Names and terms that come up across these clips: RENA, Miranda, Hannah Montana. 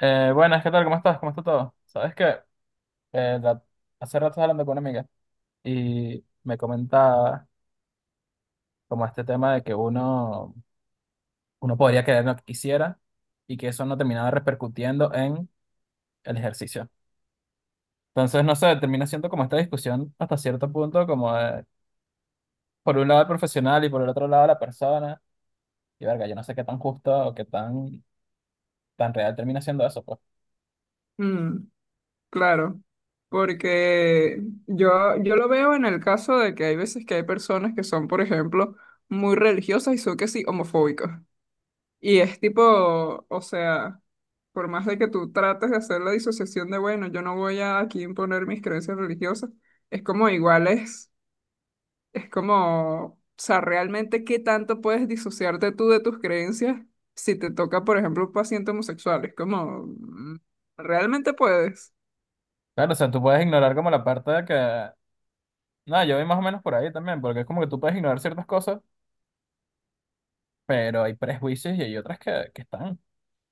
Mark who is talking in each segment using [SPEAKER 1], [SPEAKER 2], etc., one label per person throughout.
[SPEAKER 1] Buenas, ¿qué tal? ¿Cómo estás? ¿Cómo está todo? Sabes que eh, la- hace rato estaba hablando con una amiga y me comentaba como este tema de que uno podría querer lo que quisiera y que eso no terminaba repercutiendo en el ejercicio. Entonces, no sé, termina siendo como esta discusión hasta cierto punto, como de, por un lado el profesional y por el otro lado la persona. Y verga, yo no sé qué tan justo o qué tan real termina siendo eso, pues.
[SPEAKER 2] Mm, claro, porque yo lo veo en el caso de que hay veces que hay personas que son, por ejemplo, muy religiosas y son que sí homofóbicas. Y es tipo, o sea, por más de que tú trates de hacer la disociación de, bueno, yo no voy a aquí imponer mis creencias religiosas, es como es como, o sea, realmente qué tanto puedes disociarte tú de tus creencias si te toca, por ejemplo, un paciente homosexual. Es como, ¿realmente puedes?
[SPEAKER 1] Claro, o sea, tú puedes ignorar como la parte de que, nada, yo voy más o menos por ahí también, porque es como que tú puedes ignorar ciertas cosas pero hay prejuicios y hay otras que están.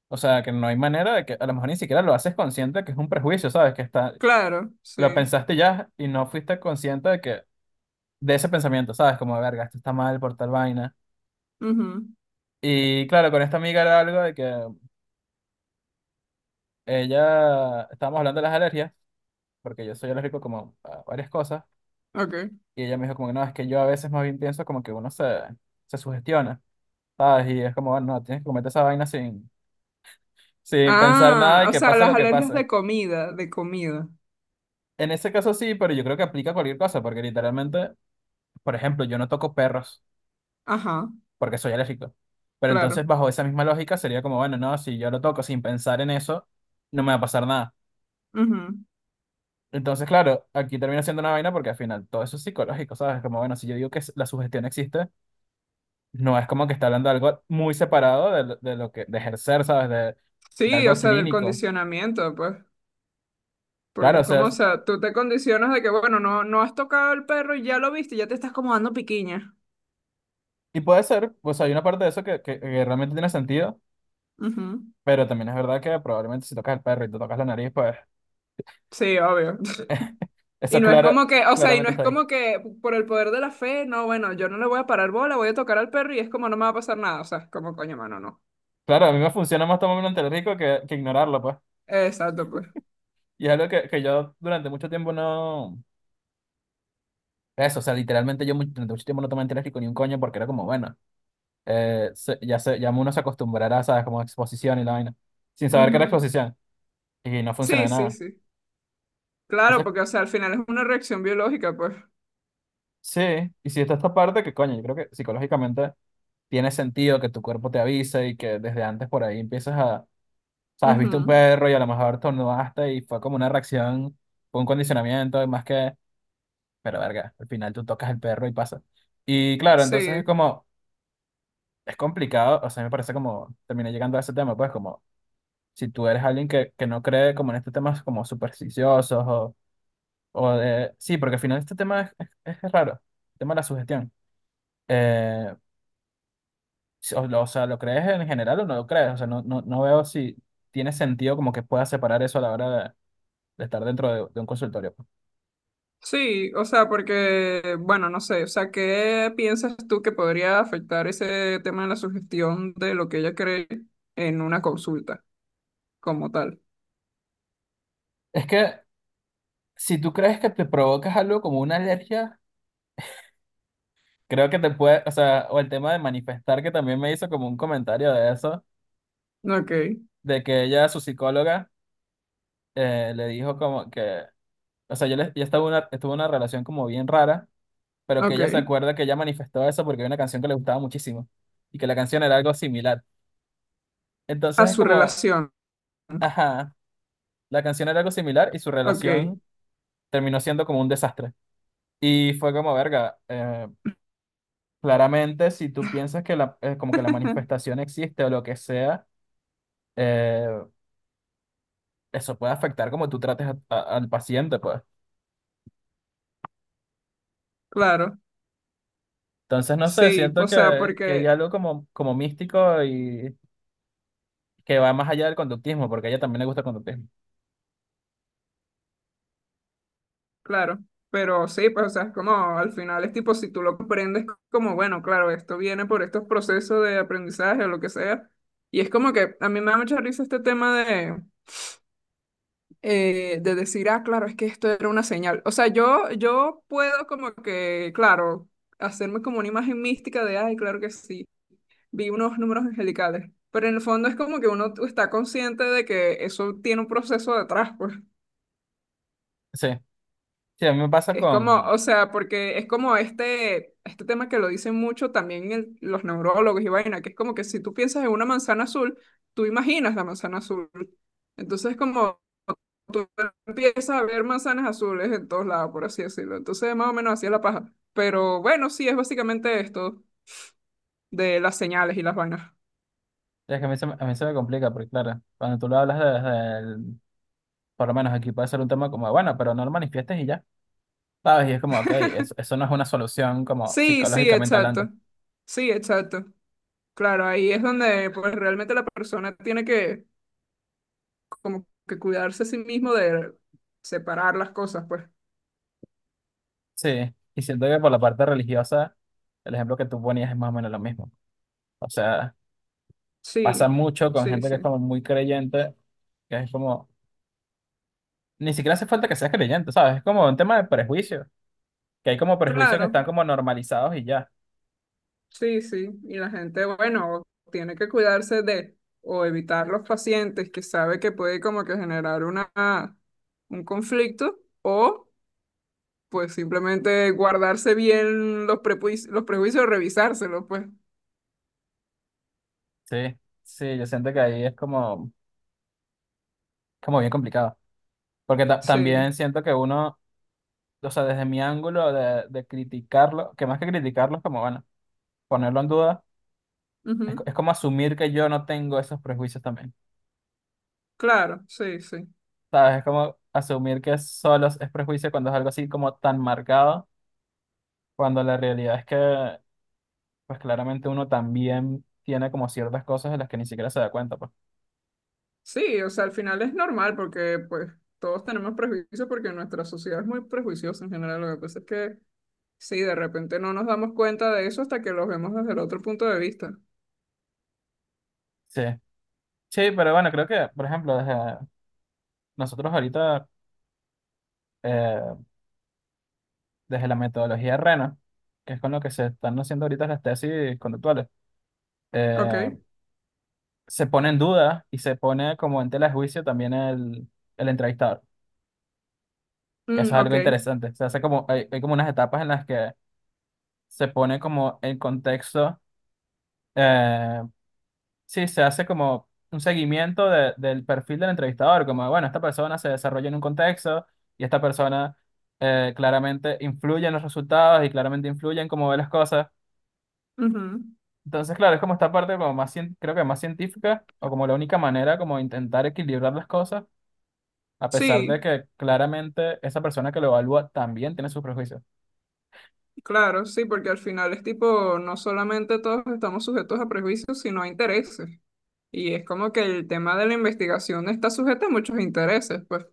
[SPEAKER 1] O sea, que no hay manera de que a lo mejor ni siquiera lo haces consciente que es un prejuicio, ¿sabes? Que está,
[SPEAKER 2] Claro,
[SPEAKER 1] lo
[SPEAKER 2] sí.
[SPEAKER 1] pensaste ya y no fuiste consciente de que de ese pensamiento, ¿sabes? Como, verga, esto está mal por tal vaina.
[SPEAKER 2] Ujú.
[SPEAKER 1] Y claro, con esta amiga era algo de que ella, estábamos hablando de las alergias, porque yo soy alérgico como a varias cosas,
[SPEAKER 2] Ok.
[SPEAKER 1] y ella me dijo como que no, es que yo a veces más bien pienso como que se sugestiona, ¿sabes? Y es como, bueno, no, tienes que cometer esa vaina sin pensar nada
[SPEAKER 2] Ah,
[SPEAKER 1] y
[SPEAKER 2] o
[SPEAKER 1] que
[SPEAKER 2] sea,
[SPEAKER 1] pase
[SPEAKER 2] las
[SPEAKER 1] lo que
[SPEAKER 2] alergias
[SPEAKER 1] pase.
[SPEAKER 2] de comida, de comida.
[SPEAKER 1] En ese caso sí, pero yo creo que aplica a cualquier cosa, porque literalmente, por ejemplo, yo no toco perros
[SPEAKER 2] Ajá,
[SPEAKER 1] porque soy alérgico. Pero
[SPEAKER 2] claro.
[SPEAKER 1] entonces, bajo esa misma lógica, sería como, bueno, no, si yo lo toco sin pensar en eso, no me va a pasar nada.
[SPEAKER 2] Ujú.
[SPEAKER 1] Entonces, claro, aquí termina siendo una vaina porque al final todo eso es psicológico, ¿sabes? Como, bueno, si yo digo que la sugestión existe, no es como que está hablando de algo muy separado de, de ejercer, ¿sabes? De
[SPEAKER 2] Sí, o
[SPEAKER 1] algo
[SPEAKER 2] sea, del
[SPEAKER 1] clínico.
[SPEAKER 2] condicionamiento, pues. Porque
[SPEAKER 1] Claro,
[SPEAKER 2] es
[SPEAKER 1] o sea,
[SPEAKER 2] como, o sea, tú te condicionas de que, bueno, no, no has tocado el perro y ya lo viste, ya te estás como dando piquiña.
[SPEAKER 1] y puede ser, pues hay una parte de eso que realmente tiene sentido.
[SPEAKER 2] Ujú.
[SPEAKER 1] Pero también es verdad que probablemente si tocas el perro y te tocas la nariz, pues
[SPEAKER 2] Sí, obvio. Y
[SPEAKER 1] Eso
[SPEAKER 2] no es
[SPEAKER 1] clara,
[SPEAKER 2] como que, o sea, y
[SPEAKER 1] claramente
[SPEAKER 2] no es
[SPEAKER 1] está ahí.
[SPEAKER 2] como que por el poder de la fe, no, bueno, yo no le voy a parar bola, voy a tocar al perro y es como no me va a pasar nada. O sea, es como, coño, mano, no.
[SPEAKER 1] Claro, a mí me funciona más tomarme un antialérgico que ignorarlo, pues.
[SPEAKER 2] Exacto, pues.
[SPEAKER 1] Y es algo que yo durante mucho tiempo no... Eso, o sea, literalmente durante mucho tiempo no tomé antialérgico ni un coño porque era como, bueno, ya uno se acostumbrará, ¿sabes? Como exposición y la vaina. Sin saber que era
[SPEAKER 2] Ujú.
[SPEAKER 1] exposición. Y no funciona
[SPEAKER 2] Sí,
[SPEAKER 1] de
[SPEAKER 2] sí,
[SPEAKER 1] nada.
[SPEAKER 2] sí. Claro,
[SPEAKER 1] Entonces,
[SPEAKER 2] porque, o sea, al final es una reacción biológica, pues.
[SPEAKER 1] sí, y si está esta parte, que coño, yo creo que psicológicamente tiene sentido que tu cuerpo te avise y que desde antes por ahí empiezas a sabes, viste un
[SPEAKER 2] Ujú.
[SPEAKER 1] perro y a lo mejor tornudaste y fue como una reacción, fue un condicionamiento, pero verga, al final tú tocas el perro y pasa. Y claro, entonces es
[SPEAKER 2] Sí,
[SPEAKER 1] como, es complicado, o sea, me parece como, terminé llegando a ese tema, pues como, si tú eres alguien que no cree como en estos temas como supersticiosos o de, sí, porque al final este tema es raro, el tema de la sugestión. Eh, o sea, ¿lo crees en general o no lo crees? O sea, no, no veo si tiene sentido como que puedas separar eso a la hora de estar dentro de un consultorio pues.
[SPEAKER 2] sí, o sea, porque, bueno, no sé, o sea, ¿qué piensas tú que podría afectar ese tema de la sugestión de lo que ella cree en una consulta como tal?
[SPEAKER 1] Es que si tú crees que te provocas algo como una alergia, creo que te puede, o sea, o el tema de manifestar, que también me hizo como un comentario de eso,
[SPEAKER 2] Ok,
[SPEAKER 1] de que ella, su psicóloga, le dijo como que, o sea, ella estuvo en una relación como bien rara, pero que
[SPEAKER 2] ok.
[SPEAKER 1] ella se acuerda que ella manifestó eso porque había una canción que le gustaba muchísimo y que la canción era algo similar. Entonces
[SPEAKER 2] A
[SPEAKER 1] es
[SPEAKER 2] su
[SPEAKER 1] como,
[SPEAKER 2] relación.
[SPEAKER 1] ajá, la canción era algo similar y su
[SPEAKER 2] Ok,
[SPEAKER 1] relación terminó siendo como un desastre. Y fue como, verga. Claramente, si tú piensas que como que la manifestación existe o lo que sea, eh, eso puede afectar como tú trates al paciente, pues.
[SPEAKER 2] claro.
[SPEAKER 1] Entonces, no sé,
[SPEAKER 2] Sí,
[SPEAKER 1] siento
[SPEAKER 2] o sea,
[SPEAKER 1] que hay
[SPEAKER 2] porque
[SPEAKER 1] algo como, como místico y que va más allá del conductismo, porque a ella también le gusta el conductismo.
[SPEAKER 2] claro, pero sí, pues, o sea, es como al final es tipo, si tú lo comprendes, como bueno, claro, esto viene por estos procesos de aprendizaje o lo que sea. Y es como que a mí me da mucha risa este tema de decir, ah, claro, es que esto era una señal. O sea, yo puedo como que, claro, hacerme como una imagen mística de, ay, claro que sí, vi unos números angelicales. Pero en el fondo es como que uno está consciente de que eso tiene un proceso detrás, pues.
[SPEAKER 1] Sí, sí, a mí me pasa
[SPEAKER 2] Es como,
[SPEAKER 1] con...
[SPEAKER 2] o sea, porque es como este tema que lo dicen mucho también los neurólogos y vaina, que es como que si tú piensas en una manzana azul, tú imaginas la manzana azul. Entonces, como tú empiezas a ver manzanas azules en todos lados, por así decirlo. Entonces, más o menos así es la paja. Pero bueno, sí, es básicamente esto de las señales y las vainas.
[SPEAKER 1] Es que a mí a mí se me complica, porque claro, cuando tú lo hablas por lo menos aquí puede ser un tema como, bueno, pero no lo manifiestes y ya, ¿sabes? Y es como, ok, eso no es una solución como
[SPEAKER 2] Sí, sí,
[SPEAKER 1] psicológicamente hablando.
[SPEAKER 2] exacto. Sí, exacto. Claro, ahí es donde pues realmente la persona tiene que como que cuidarse a sí mismo de separar las cosas, pues.
[SPEAKER 1] Sí, y siento que por la parte religiosa, el ejemplo que tú ponías es más o menos lo mismo. O sea, pasa
[SPEAKER 2] Sí,
[SPEAKER 1] mucho con
[SPEAKER 2] sí,
[SPEAKER 1] gente que
[SPEAKER 2] sí.
[SPEAKER 1] es como muy creyente, que es como, ni siquiera hace falta que seas creyente, ¿sabes? Es como un tema de prejuicio, que hay como prejuicios que
[SPEAKER 2] Claro,
[SPEAKER 1] están como normalizados y ya.
[SPEAKER 2] sí, sí. Y la gente, bueno, tiene que cuidarse de o evitar los pacientes que sabe que puede como que generar una, un conflicto o pues simplemente guardarse bien los prejuicios, revisárselos, pues.
[SPEAKER 1] Sí, sí, yo siento que ahí es como, como bien complicado. Porque
[SPEAKER 2] Sí.
[SPEAKER 1] también siento que uno, o sea, desde mi ángulo de criticarlo, que más que criticarlo es como, bueno, ponerlo en duda,
[SPEAKER 2] Ujú.
[SPEAKER 1] es como asumir que yo no tengo esos prejuicios también.
[SPEAKER 2] Claro, sí, sí.
[SPEAKER 1] ¿Sabes? Es como asumir que solo es prejuicio cuando es algo así como tan marcado, cuando la realidad es que, pues claramente uno también tiene como ciertas cosas de las que ni siquiera se da cuenta, pues.
[SPEAKER 2] Sí, o sea, al final es normal porque pues todos tenemos prejuicios porque nuestra sociedad es muy prejuiciosa en general. Lo que pasa es que sí, de repente no nos damos cuenta de eso hasta que lo vemos desde el otro punto de vista.
[SPEAKER 1] Sí. Sí, pero bueno, creo que, por ejemplo, desde nosotros ahorita, eh, desde la metodología RENA, que es con lo que se están haciendo ahorita las tesis conductuales, eh,
[SPEAKER 2] Ok,
[SPEAKER 1] se pone en duda y se pone como en tela de juicio también el entrevistador, que eso
[SPEAKER 2] mm,
[SPEAKER 1] es
[SPEAKER 2] ok,
[SPEAKER 1] algo interesante. Se hace como, hay como unas etapas en las que se pone como el contexto, eh, sí, se hace como un seguimiento del perfil del entrevistador, como, bueno, esta persona se desarrolla en un contexto y esta persona claramente influye en los resultados y claramente influye en cómo ve las cosas.
[SPEAKER 2] ujú.
[SPEAKER 1] Entonces, claro, es como esta parte como más, creo que más científica o como la única manera como de intentar equilibrar las cosas, a pesar de
[SPEAKER 2] Sí,
[SPEAKER 1] que claramente esa persona que lo evalúa también tiene sus prejuicios.
[SPEAKER 2] claro, sí, porque al final es tipo, no solamente todos estamos sujetos a prejuicios, sino a intereses. Y es como que el tema de la investigación está sujeto a muchos intereses, pues.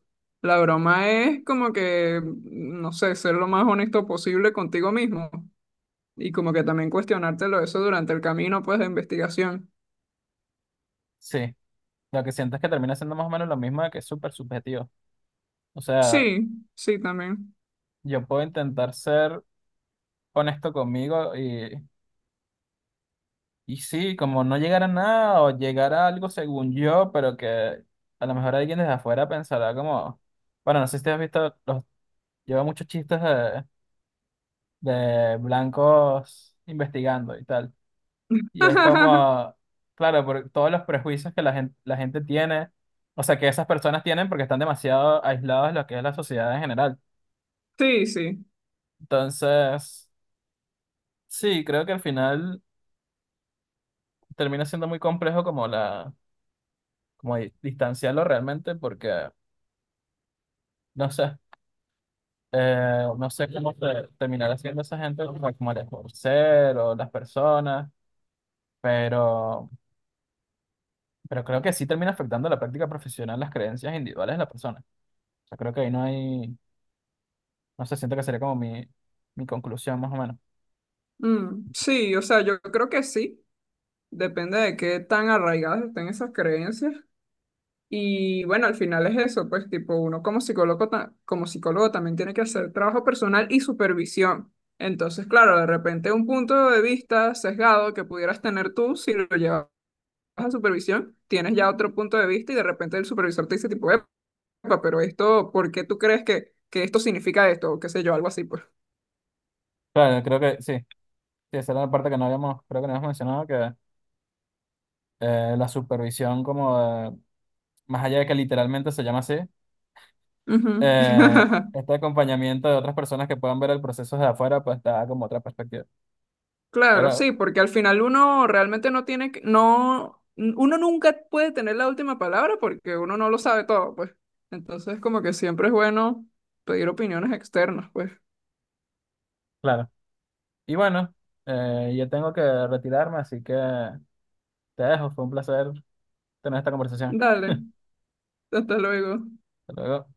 [SPEAKER 2] La broma es como que, no sé, ser lo más honesto posible contigo mismo. Y como que también cuestionártelo eso durante el camino, pues, de investigación.
[SPEAKER 1] Sí, lo que siento es que termina siendo más o menos lo mismo de que es súper subjetivo. O sea,
[SPEAKER 2] Sí, sí, también.
[SPEAKER 1] yo puedo intentar ser honesto conmigo y sí, como no llegar a nada o llegar a algo según yo, pero que a lo mejor alguien desde afuera pensará como, bueno, no sé si te has visto, los, lleva muchos chistes de blancos investigando y tal. Y es como, claro, por todos los prejuicios que la gente tiene, o sea, que esas personas tienen porque están demasiado aislados de lo que es la sociedad en general.
[SPEAKER 2] Sí, sí.
[SPEAKER 1] Entonces, sí, creo que al final termina siendo muy complejo como la como distanciarlo realmente porque, no sé, no sé cómo terminará haciendo esa gente, como, como el escorsel o las personas, pero, pero creo que sí termina afectando la práctica profesional, las creencias individuales de la persona. O sea, creo que ahí no hay, no sé, siento que sería como mi conclusión más o menos.
[SPEAKER 2] Mm, sí, o sea, yo creo que sí. Depende de qué tan arraigadas estén esas creencias. Y bueno, al final es eso, pues, tipo, uno como psicólogo, como psicólogo también tiene que hacer trabajo personal y supervisión. Entonces, claro, de repente un punto de vista sesgado que pudieras tener tú, si lo llevas a supervisión, tienes ya otro punto de vista y de repente el supervisor te dice, tipo, "Epa, pero esto, ¿por qué tú crees que esto significa esto? O qué sé yo, algo así, pues.
[SPEAKER 1] Claro, creo que sí. Sí, esa era la parte que no habíamos, creo que no habíamos mencionado, que la supervisión como más allá de que literalmente se llama así,
[SPEAKER 2] Ujú.
[SPEAKER 1] eh, este acompañamiento de otras personas que puedan ver el proceso desde afuera, pues te da como otra perspectiva.
[SPEAKER 2] Claro,
[SPEAKER 1] Pero,
[SPEAKER 2] sí, porque al final uno realmente no tiene que, no, uno nunca puede tener la última palabra porque uno no lo sabe todo, pues. Entonces, como que siempre es bueno pedir opiniones externas, pues.
[SPEAKER 1] claro. Y bueno, yo tengo que retirarme, así que te dejo. Fue un placer tener esta conversación.
[SPEAKER 2] Dale, hasta luego.
[SPEAKER 1] Hasta luego.